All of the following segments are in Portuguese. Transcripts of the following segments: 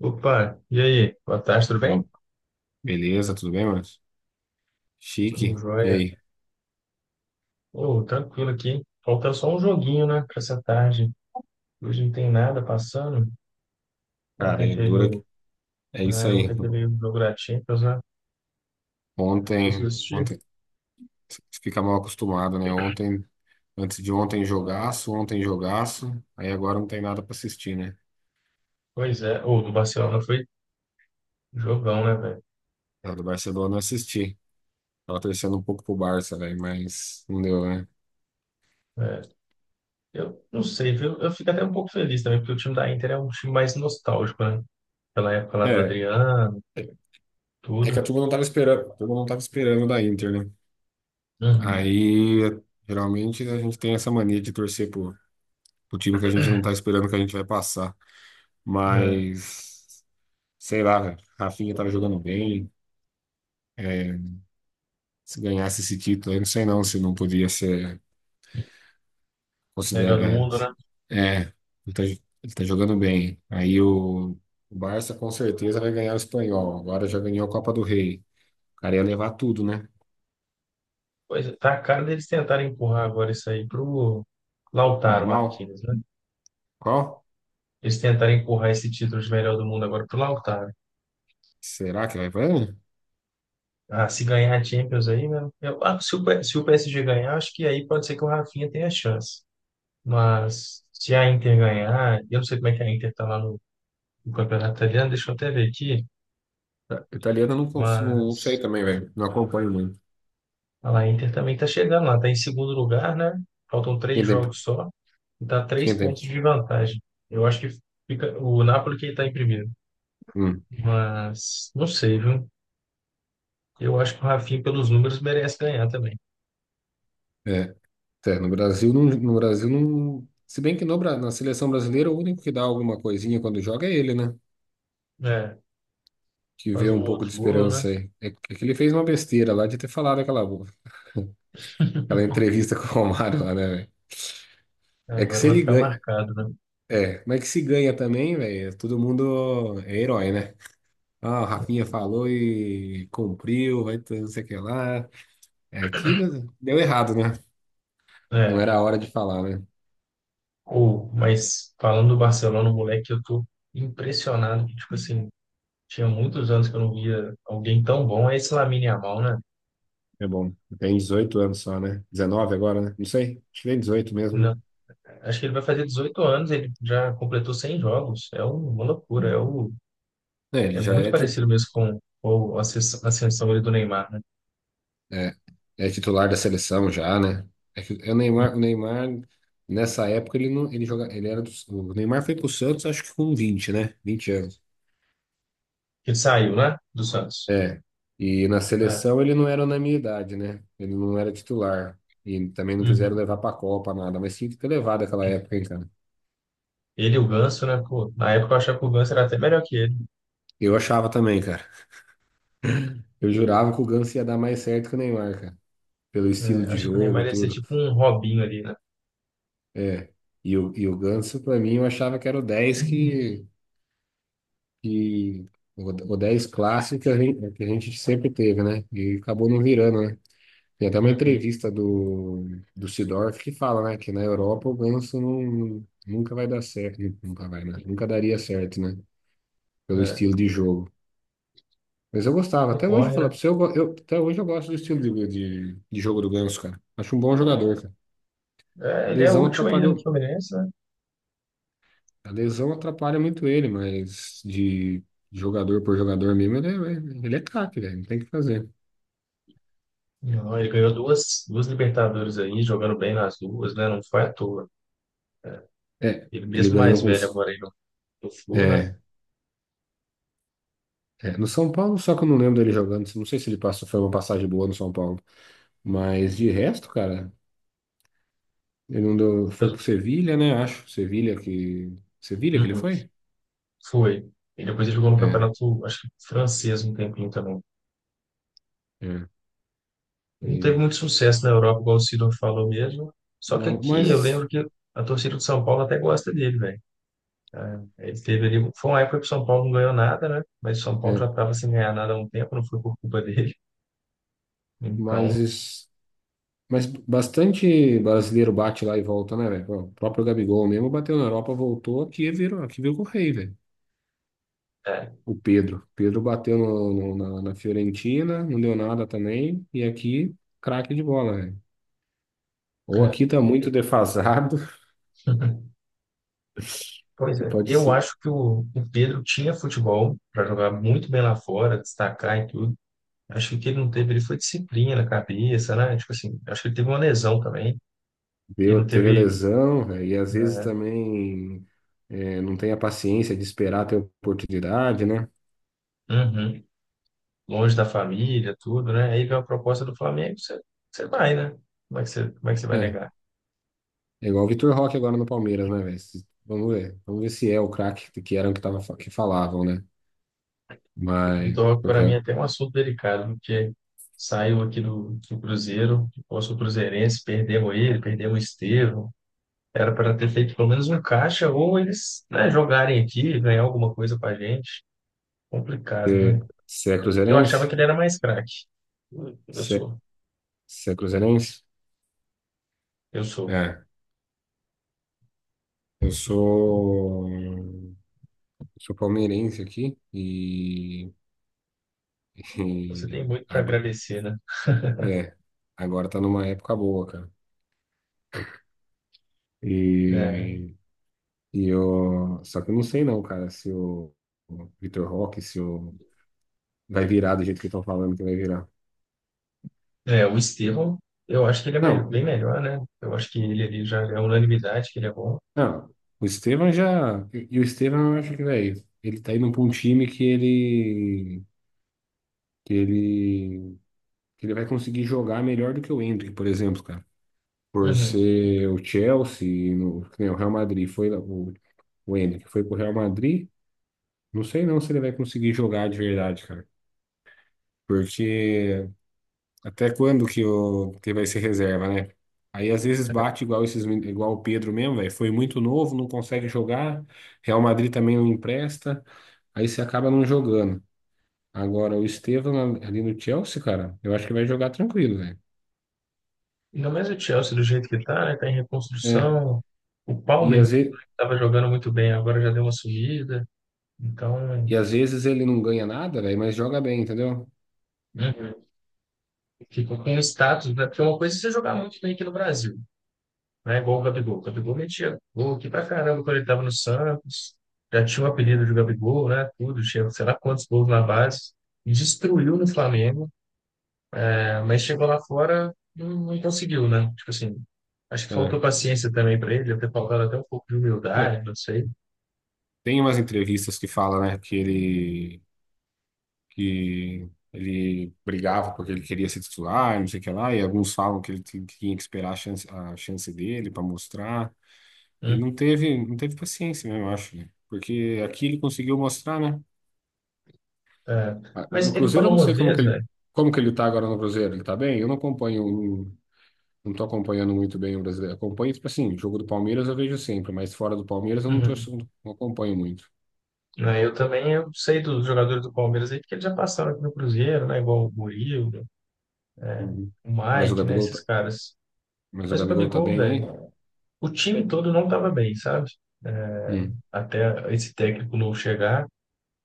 Opa, e aí? Boa tarde, tudo bem? Fala. Beleza, tudo bem, mano? Tudo Chique. E jóia. aí? Ô, tranquilo aqui. Falta só um joguinho, né, pra essa tarde. Hoje não tem nada passando. Cara, Ontem é teve dura. o, É isso né, aí. ontem teve o jogo da Champions, né? Conseguiu Ontem, assistir? ontem, fica mal acostumado, né? Ontem, antes de ontem, jogaço, ontem, jogaço. Aí agora não tem nada pra assistir, né? Pois é. Ou do Barcelona foi jogão, né, velho? A do Barcelona eu assisti. Tava torcendo um pouco pro Barça, velho, mas não deu, né? É. Eu não sei, viu? Eu fico até um pouco feliz também, porque o time da Inter é um time mais nostálgico, né? Pela época lá do É, Adriano, é, é que tudo. a turma não tava esperando, a turma não tava esperando da Inter, né? Uhum. Aí, geralmente, a gente tem essa mania de torcer pro time que a gente não tá esperando que a gente vai passar. É. Mas, sei lá, velho, Rafinha tava jogando bem. É, se ganhasse esse título, eu não sei não se não podia ser Melhor do considerado. mundo, né? É, é, ele tá jogando bem. Aí o Barça com certeza vai ganhar o espanhol. Agora já ganhou a Copa do Rei. O cara ia levar tudo, né? Pois é, tá a cara deles tentarem empurrar agora isso aí pro Lautaro Yamal? Martínez, né? Qual? Eles tentarem empurrar esse título de melhor do mundo agora pro Lautaro. Será que vai ganhar? Ah, se ganhar a Champions aí, né? Eu, ah, se o, P- se o PSG ganhar, acho que aí pode ser que o Rafinha tenha chance. Mas se a Inter ganhar, eu não sei como é que a Inter tá lá no campeonato italiano, deixa eu até ver aqui. Italiana eu não, não sei Mas também, velho. Não acompanho muito. olha lá, a Inter também tá chegando lá, tá em segundo lugar, né? Faltam três Quem tem. jogos só e tá três Quem tem. pontos de vantagem. Eu acho que fica o Napoli que tá em primeiro. Hum, Mas não sei, viu? Eu acho que o Rafinha, pelos números, merece ganhar também. é. É, no Brasil, não, no Brasil não. Se bem que no, na seleção brasileira, o único que dá alguma coisinha quando joga é ele, né? É, Que faz vê um um pouco de outro gol, né? esperança aí. É que ele fez uma besteira lá de ter falado aquela entrevista com o Romário lá, né, velho? É que Agora se vai ele ficar ganha. marcado, né? É, mas é que se ganha também, velho, todo mundo é herói, né? Ah, o Rafinha falou e cumpriu, vai ter não sei o que lá. É que deu errado, né? Não É, era a hora de falar, né? Mas falando do Barcelona, moleque, eu tô impressionado que, tipo assim, tinha muitos anos que eu não via alguém tão bom. É esse Lamine Yamal, né? É bom. Tem 18 anos só, né? 19 agora, né? Não sei. Acho que tem 18 mesmo, Não, né? acho que ele vai fazer 18 anos, ele já completou 100 jogos. Uma loucura, É, ele é já muito é. Parecido mesmo com a ascensão ali do Neymar, né? É, é titular da seleção já, né? É que o Neymar nessa época ele não, ele joga, ele era o Neymar foi pro Santos acho que com 20 né? 20 anos. Que saiu, né? Do Santos. É. E na É. seleção ele não era na minha idade, né? Ele não era titular. E também não quiseram Uhum. levar pra Copa nada, mas tinha que ter levado aquela época, hein, cara. Ele e o Ganso, né? Pô, na época eu achava que o Ganso era até melhor que ele. Eu achava também, cara. Eu jurava que o Ganso ia dar mais certo que o Neymar, cara. Pelo É, estilo de achei que o Neymar jogo, ia ser tudo. tipo um Robinho ali, né? É. E o Ganso, pra mim, eu achava que era o 10 que de o 10 clássico que a gente, sempre teve, né? E acabou não virando, né? Tem até uma Uhum. entrevista do Seedorf que fala, né, que na Europa o Ganso não, nunca vai dar certo, nunca vai, né? Nunca daria certo, né? Pelo É, estilo de jogo. Mas eu gostava, ele até hoje, corre, né? falar pra você, até hoje eu gosto do estilo de jogo do Ganso, cara. Acho um bom jogador, cara. A É, ele é lesão útil ainda no atrapalhou, Fluminense, né? a lesão atrapalha muito ele, mas de jogador por jogador mesmo, ele é craque, velho, não tem o que fazer. Não, ele ganhou duas Libertadores aí, jogando bem nas duas, né? Não foi à toa. É, Ele ele mesmo ganhou mais velho agora aí no, no Flu, né? É, é, no São Paulo, só que eu não lembro dele jogando. Não sei se ele passou, foi uma passagem boa no São Paulo. Mas de resto, cara, ele não deu, foi Eu- pro Sevilha, né? Acho. Sevilha que. Sevilha que ele Uhum. foi? Foi. E depois ele jogou no É, campeonato, acho que francês um tempinho também. é. Ele não teve E- muito sucesso na Europa, igual o Sidor falou mesmo. Só que não, aqui eu mas. lembro que a torcida do São Paulo até gosta dele, velho. Ele teve ali, foi uma época que o São Paulo não ganhou nada, né? Mas o São Paulo já É, estava sem ganhar nada há um tempo, não foi por culpa dele. Então, mas. Mas bastante brasileiro bate lá e volta, né, velho? O próprio Gabigol mesmo bateu na Europa, voltou aqui e virou, aqui virou rei, velho. é. O Pedro. Pedro bateu na Fiorentina, não deu nada também. E aqui, craque de bola, velho. Ou É. aqui tá muito ele- defasado, Pois e é, pode eu ser. acho que o Pedro tinha futebol para jogar muito bem lá fora, destacar e tudo. Acho que o que ele não teve, ele foi disciplina na cabeça, né? Tipo assim, acho que ele teve uma lesão também. Ele não Deu, teve teve lesão, velho, e às vezes é, também é, não tem a paciência de esperar ter oportunidade, né? Uhum. Longe da família, tudo, né? Aí vem a proposta do Flamengo, você vai, né? Como é que você vai É, negar? é igual o Vitor Roque agora no Palmeiras, né, velho? Vamos ver. Vamos ver se é o craque que eram que, tava, que falavam, né? Mas, Vitor, Roque, porque para mim, é, é até um assunto delicado, porque saiu aqui do Cruzeiro, eu sou cruzeirense, perdemos ele, perdemos o Estevão. Era para ter feito pelo menos um caixa, ou eles, né, jogarem aqui, ganhar alguma coisa para a gente. Complicado, você né? você é Eu achava cruzeirense? que ele era mais craque. Eu eu Você sou, você é cruzeirense? eu sou. É. Eu sou palmeirense aqui e, Você tem e muito para agradecer, né? é, agora tá numa época boa, cara. É, E, e eu, só que eu não sei não, cara, se o, o Vitor Roque, se o, vai virar do jeito que estão falando que vai virar. o Estevão, eu acho que ele é Não, bem melhor, né? Eu acho que ele ali já é unanimidade, que ele é bom. não, o Estevão já, e o Estevão eu acho que, velho, ele tá indo pra um time que ele, que ele, que ele vai conseguir jogar melhor do que o Endrick, por exemplo, cara. Por Uhum. ser o Chelsea, no, que nem o Real Madrid, o Ender, que foi pro Real Madrid, não sei não se ele vai conseguir jogar de verdade, cara. Porque até quando que vai ser reserva, né? Aí às vezes bate igual esses, igual o Pedro mesmo, velho. Foi muito novo, não consegue jogar. Real Madrid também não empresta. Aí você acaba não jogando. Agora, o Estevão ali no Chelsea, cara, eu acho que vai jogar tranquilo, velho. Ainda mais o Chelsea do jeito que tá, né? Tá em É. reconstrução. O E Palmer às vezes, estava jogando muito bem, agora já deu uma subida. Então, e às vezes ele não ganha nada, velho, mas joga bem, entendeu? uhum. Ficou com o status, né? Porque uma coisa é você jogar muito bem aqui no Brasil, né? Igual o Gabigol. O Gabigol metia gol aqui pra caramba quando ele tava no Santos. Já tinha o apelido de Gabigol, né? Tudo, tinha sei lá quantos gols na base. E destruiu no Flamengo, né? Mas chegou lá fora, não conseguiu, né? Tipo assim, acho que faltou É. paciência também para ele, deve ter faltado até um pouco de É, humildade, não sei. tem umas entrevistas que fala, né, que ele brigava porque ele queria ser titular, não sei o que lá, e alguns falam que ele tinha que esperar a chance dele para mostrar, e não teve paciência mesmo, eu acho, né? Porque aqui ele conseguiu mostrar, né? É, Ah, no mas ele Cruzeiro eu falou não uma sei como que vez, ele, velho. como que ele tá agora no Cruzeiro, ele tá bem? Eu não acompanho, não, não tô acompanhando muito bem o brasileiro, acompanho, tipo assim, jogo do Palmeiras eu vejo sempre, mas fora do Palmeiras eu não tô, Uhum. não acompanho muito. Né, eu também eu sei dos jogadores do Palmeiras aí, porque eles já passaram aqui no Cruzeiro, né? Igual o Murilo, Uhum. o Mas o Mike, né? Gabigol, Esses tá- caras. Mas o Mas o Gabigol tá Gabigol, bem, velho, hein? o time todo não tava bem, sabe? É, Hum, até esse técnico novo chegar.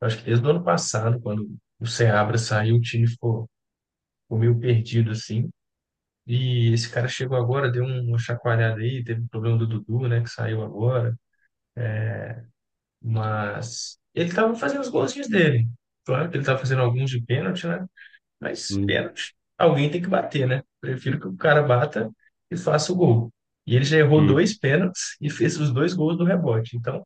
Eu Acho que desde o ano passado, quando o Seabra saiu, ficou meio perdido, assim. E esse cara chegou agora, deu uma chacoalhada aí, teve o problema do Dudu, né? Que saiu agora. Mas ele estava fazendo os golzinhos dele. Claro que ele estava fazendo alguns de pênalti, né? Mas hum, pênalti, alguém tem que bater, né? Prefiro que o cara bata e faça o gol. E ele já errou hum. dois pênaltis e fez os dois gols do rebote. Então,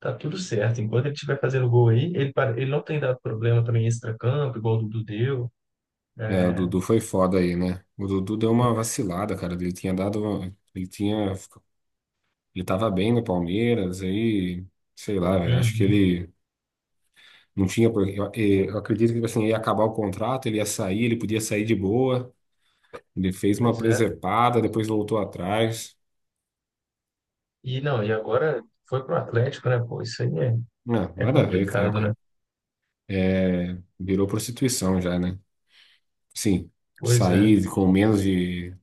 tá tudo certo. Enquanto ele estiver fazendo gol aí, ele não tem dado problema também em extracampo, igual o Dudu deu. É, o É, Dudu foi foda aí, né? O Dudu deu uma vacilada, cara. Ele tinha dado. Ele tinha. Ele tava bem no Palmeiras, aí. Sei lá, velho. Acho que Uhum. ele não tinha. Eu acredito que tipo assim, ia acabar o contrato, ele ia sair, ele podia sair de boa. Ele fez uma Pois é. presepada, depois voltou atrás. E não, e agora foi pro Atlético, né? Pô, Não, é nada a complicado, ver. né? É, é, é, virou prostituição já, né? Sim, Pois é. sair com menos de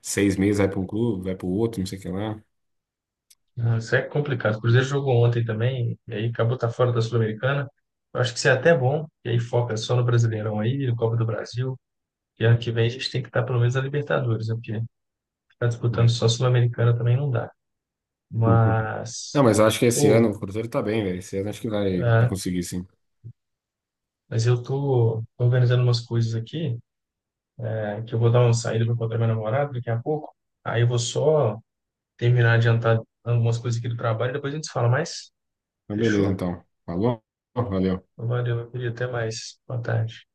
6 meses, vai pra um clube, vai pro outro, não sei o que lá. Não, isso é complicado. O Cruzeiro jogou ontem também, e aí acabou tá fora da Sul-Americana. Eu acho que isso é até bom, e aí foca só no Brasileirão aí, no Copa do Brasil. E ano que vem a gente tem que estar pelo menos na Libertadores, né? Porque ficar disputando É. só Sul-Americana também não dá. Uhum. Não, Mas, mas eu acho que esse ou, ano o Cruzeiro tá bem, velho. Esse ano acho que vai é, conseguir, sim. mas eu tô organizando umas coisas aqui, é, que eu vou dar uma saída para encontrar minha namorada daqui a pouco. Aí eu vou só terminar de adiantar algumas coisas aqui do trabalho, depois a gente se fala mais. Então, beleza, Fechou? então. Falou? Valeu. Valeu, meu querido. Até mais. Boa tarde.